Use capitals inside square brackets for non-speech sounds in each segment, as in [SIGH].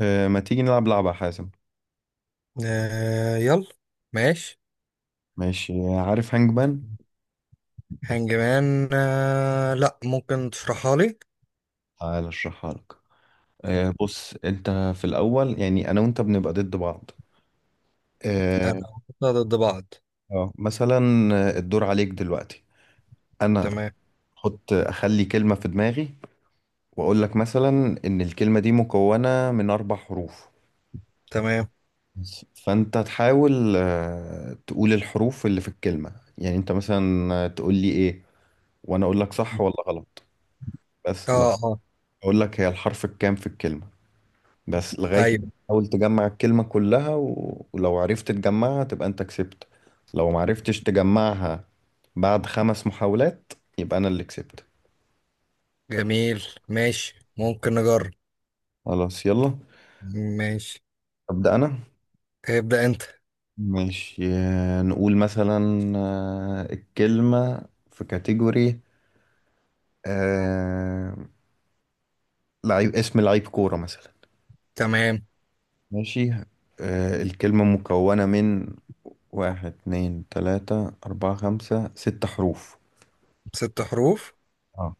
ما تيجي نلعب لعبة يا حازم. يلا. ماشي. ماشي، عارف هانج مان؟ هانجمان؟ لا، ممكن تشرحها لي. تعال اشرحها لك. بص انت. في الاول يعني انا وانت بنبقى ضد بعض. انا اه. هحطها ضد بعض. مثلا. الدور عليك دلوقتي. انا تمام. احط، اخلي كلمة في دماغي واقول لك مثلا ان الكلمة دي مكونة من اربع حروف تمام. بس. فانت تحاول تقول الحروف اللي في الكلمة. يعني انت مثلا تقول لي ايه وانا اقول لك صح ولا غلط. اه. بس لو اه. اقول لك هي الحرف الكام في الكلمة، بس لغاية ايوه. ما تحاول تجمع الكلمة كلها ولو عرفت تجمعها تبقى انت كسبت. لو معرفتش تجمعها بعد خمس محاولات يبقى انا اللي كسبت. جميل. ماشي ممكن نجرب. خلاص يلا، ماشي، أبدأ انا. ابدأ انت. ماشي، نقول مثلا. الكلمة في كاتيجوري، آه، لعيب، اسم لعيب كورة مثلا. تمام. ماشي. الكلمة مكونة من واحد اتنين تلاتة أربعة خمسة ست حروف. ست حروف. اه.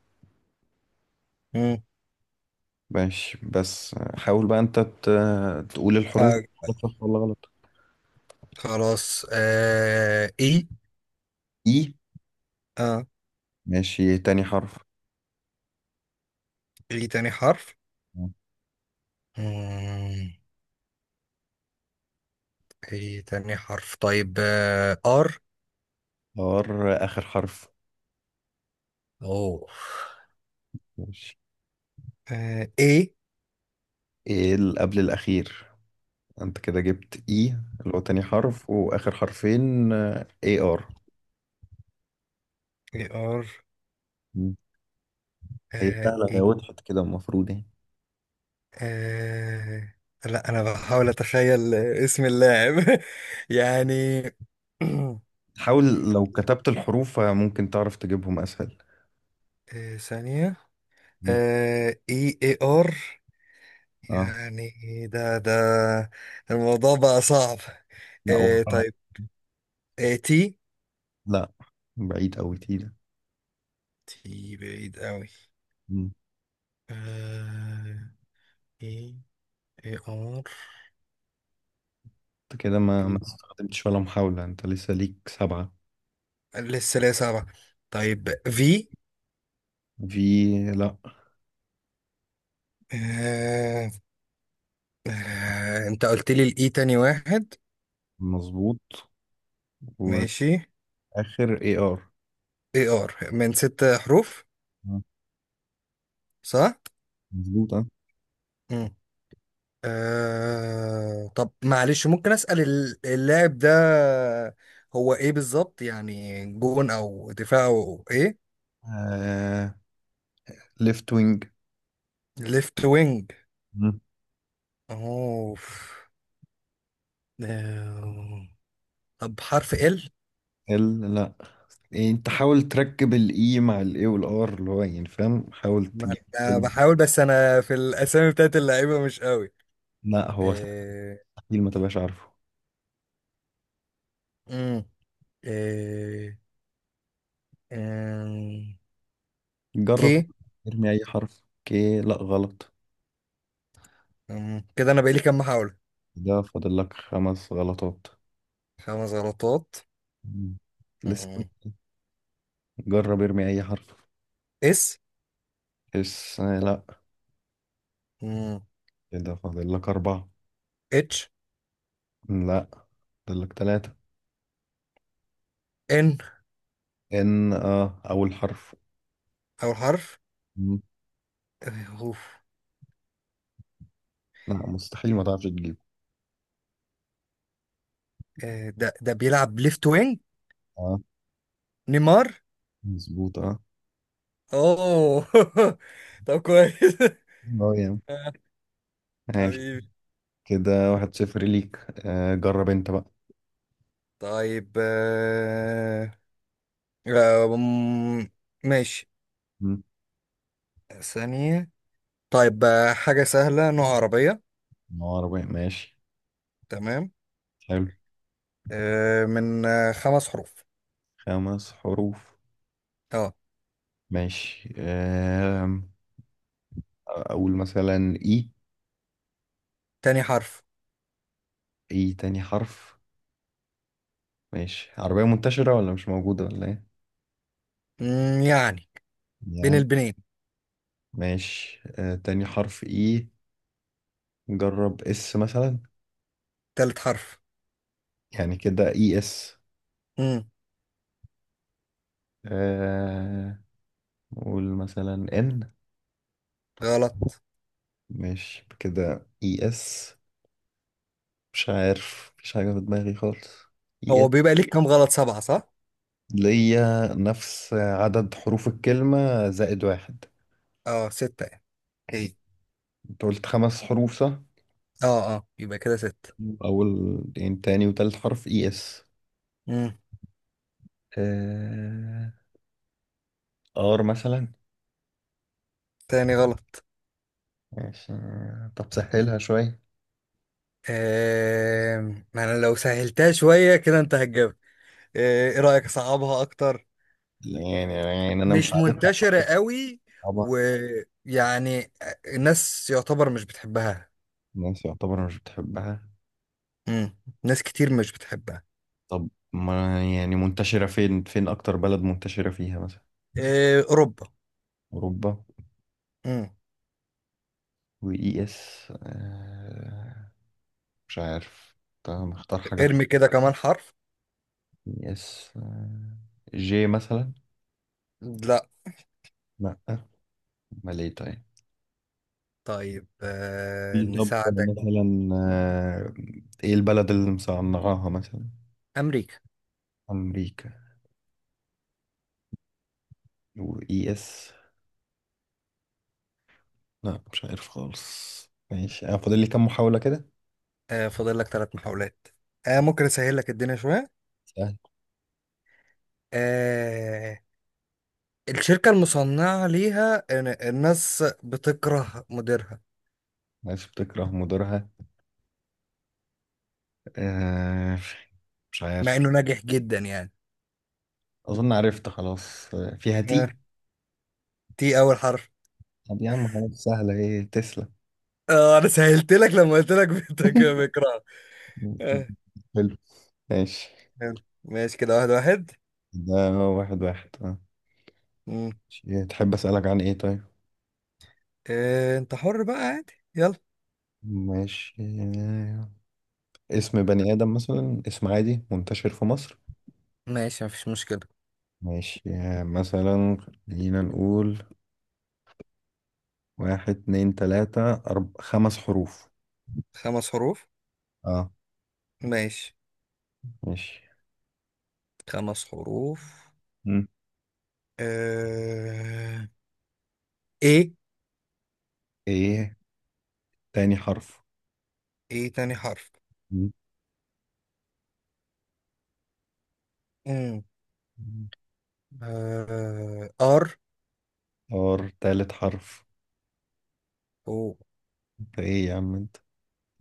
مم. ماشي، بس حاول بقى انت تقول الحروف، آه. غلط، صح ولا غلط. خلاص، اي. اي. اه. ماشي، تاني حرف. اي تاني حرف. مم. اي تاني حرف، طيب ار. ار. اخر حرف. اوه. ماشي. اي. ايه اللي قبل الاخير؟ انت كده جبت اي، اللي هو تاني حرف، واخر حرفين اي ار. اي ار. مم. هي سهلة، هي E. وضحت كده، المفروض يعني. آه... لا، انا بحاول اتخيل اسم اللاعب، [LAUGHS] يعني. [CLEARS THROAT] حاول. لو كتبت الحروف ممكن تعرف تجيبهم اسهل. ثانية. مم. اي اي ار، اه. يعني، ده الموضوع بقى صعب. لا، وقعت. طيب. تي. لا، بعيد اوي، تقيلة. تي بعيد قوي. مم. آه... اي اي ار. انت كده ما إيه. استخدمتش ولا محاولة، انت لسه ليك سبعة. لسه ليا صعبة. طيب في. في. لا. آه... انت قلت لي الاي تاني واحد. مظبوط. ماشي. واخر اي ار. اي ار من ست حروف، صح؟ مظبوط اه. مم. طب معلش ممكن أسأل اللاعب ده، هو ايه بالظبط؟ يعني جون او دفاع او ايه؟ آه، ليفت وينج. ليفت وينج. مم. اوف. آه، طب حرف ال. ال، لا. إيه، انت حاول تركب الاي مع الاي والار، اللي هو يعني فاهم، حاول ما تجيب انا كلمة. بحاول، بس انا في الاسامي بتاعت اللعيبه مش قوي. لا، هو آه... مستحيل ما تبقاش عارفه. مم. آه... آه... كي. جرب، ارمي اي حرف. اوكي، لا غلط. مم. كده انا بقالي كام محاولة؟ ده فاضل لك خمس غلطات. خمس غلطات. مم. لسه. مم. جرب ارمي اي حرف. اس. اس، لا. مم. كده فاضل لك اربعة. اتش. لا، فاضل لك ثلاثة. ان ان، اه، اول حرف. اول حرف. م. اوف. لا، مستحيل ما تعرفش تجيبه. ده بيلعب ليفت وينج. اه. نيمار. مظبوط اه. اوه. [LAUGHS] طب كويس. [LAUGHS] اه يا عم. آه، ماشي. حبيبي. كده 1-0 ليك. جرب انت بقى. طيب آم، ماشي. م. ثانية. طيب حاجة سهلة، نوع عربية. عربي ماشي. تمام. حلو. من خمس حروف. خمس حروف. اه. ماشي. اقول مثلا اي. تاني حرف. اي تاني حرف. ماشي، عربية منتشرة ولا مش موجودة ولا ايه؟ يعني بين يعني. البنين. ماشي، تاني حرف اي. جرب اس مثلا. تالت حرف. يعني كده اي اس. مم، آه قول مثلا ان. غلط. ماشي، كده اي اس. مش عارف، مفيش حاجة في دماغي خالص. اي اس. هو بيبقى ليك كام غلط، سبعة صح؟ ليا نفس عدد حروف الكلمة زائد واحد. اه، ستة يعني. ايه. انت قلت خمس حروف صح؟ اه، اه، يبقى كده ستة. أول، يعني تاني وتالت حرف اي اس. امم. آه، ار مثلا. تاني غلط. ماشي. طب سهلها شوية. آه... ما انا لو سهلتها شوية كده انت هتجاوب. ايه رأيك اصعبها اكتر؟ يعني أنا مش مش عارفها. منتشرة قوي. طبعا. ويعني الناس يعتبر مش بتحبها. الناس يعتبر مش بتحبها. امم. ناس كتير مش بتحبها. طب، ما يعني منتشرة فين، فين أكتر بلد منتشرة فيها مثلا. اوروبا. أوروبا. امم. وإي إس، مش عارف. طب، مختار حاجة صح. ارمي كده كمان حرف. إي إس، جي مثلا. لا. لأ. أمال إيه طيب. طيب في، طب نساعدك. مثلا إيه البلد اللي مصنعاها مثلا. امريكا. أمريكا. وإي إس. لأ، مش عارف خالص. ماشي، أنا فاضل لي كام محاولة كده. فاضل لك ثلاث محاولات. ممكن اسهل لك الدنيا شوية. سهل. آه... الشركة المصنعة ليها، الناس بتكره مديرها، ناس بتكره مديرها. آه، مش مع عارف. انه ناجح جدا يعني. أظن عرفت خلاص، فيها آه. تي. تي اول حرف. طب يا عم، خلاص، سهلة، إيه، تسلا. اه انا سهلت لك لما قلت لك [LAUGHS] بكره. آه. [LAUGHS] ماشي. يلا. ماشي كده واحد واحد. ده 1-1 اه. مم. ماشي. تحب أسألك عن ايه طيب؟ آه. انت حر بقى عادي، يلا. ماشي. اسم بني آدم مثلا، اسم عادي منتشر في مصر. ماشي، مفيش مشكلة. ماشي. مثلا، خلينا نقول واحد اتنين تلاتة خمس حروف. خمس حروف. اه. ماشي. ماشي. خمس حروف. مم. آه. ايه. ايه تاني حرف. ايه تاني حرف. مم. مم. آه. ار. اور، تالت حرف. او. انت ايه يا عم انت،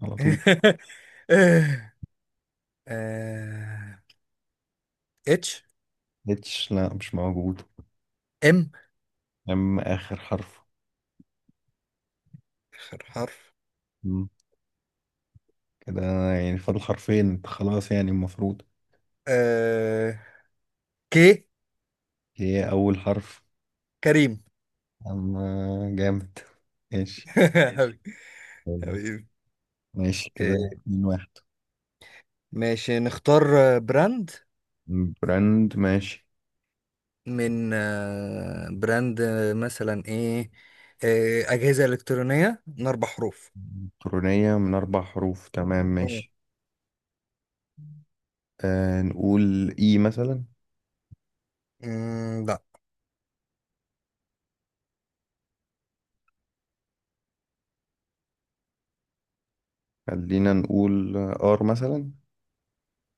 على طول. [LAUGHS] آه. اتش. اتش، لا مش موجود. ام. يا عم، آخر حرف. اخر حرف. مم. كده يعني فاضل حرفين انت، خلاص يعني المفروض. آه كي. هي أول حرف. كريم. أما. جامد. ماشي. [LAUGHS] ماشي حبيبي. حبيبي. ماشي، آه، كده 2-1. ماشي نختار براند. براند ماشي. من براند مثلا ايه؟ أجهزة إلكترونية من أربع حروف. إلكترونية من أربع حروف، تمام ماشي. آه. نقول إي مثلا. لا. خلينا نقول آر مثلا.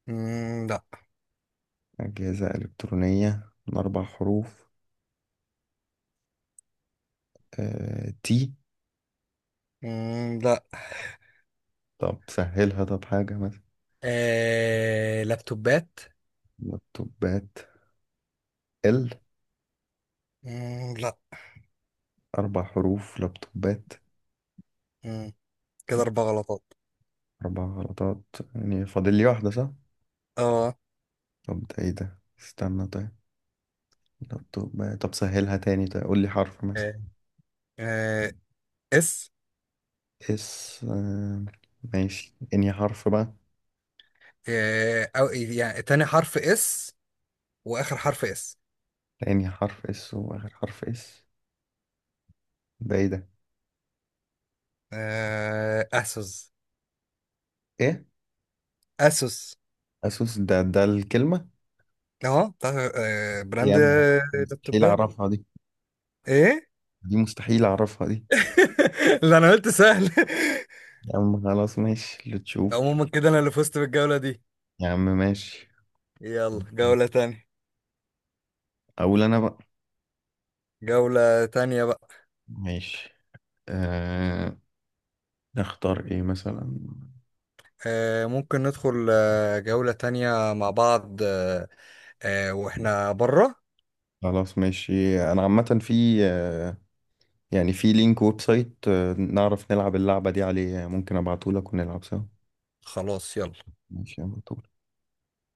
لا. أجهزة إلكترونية من أربع حروف. تي. لا. طب سهلها، طب حاجة مثلا. لابتوبات. لابتوبات. ال. لا. أربع حروف، لابتوبات. مم، كده أربع غلطات. أربع غلطات. يعني فاضل لي واحدة صح؟ اه. طب ده إيه ده؟ استنى طيب. لابتوب بقى. طب سهلها تاني، طيب قول لي حرف مثلا. آه، آه، اس. اس. ماشي، انهي حرف بقى؟ أو يعني تاني حرف اس واخر حرف اس. انهي حرف اس واخر حرف اس. ده ايه ده. اسوس. ايه. اسوس. اسوس، ده الكلمة. اه، بتاع يا براند عم. مستحيل اللابتوبات. اعرفها دي. ايه. دي مستحيل اعرفها دي. [LAUGHS] اللي انا قلت سهل. يا عم خلاص، ماشي اللي [LAUGHS] تشوفه. عموما كده انا اللي فزت بالجولة دي. يا عم ماشي. يلا جولة تانية. اقول انا بقى. جولة تانية بقى. ماشي. أه... نختار ايه مثلا. ممكن ندخل جولة تانية مع بعض، واحنا بره. خلاص ماشي. انا عامة في آه، يعني في لينك ويب سايت، نعرف نلعب اللعبة دي عليه، ممكن ابعتهولك ونلعب سوا. خلاص يلا. ماشي يلا.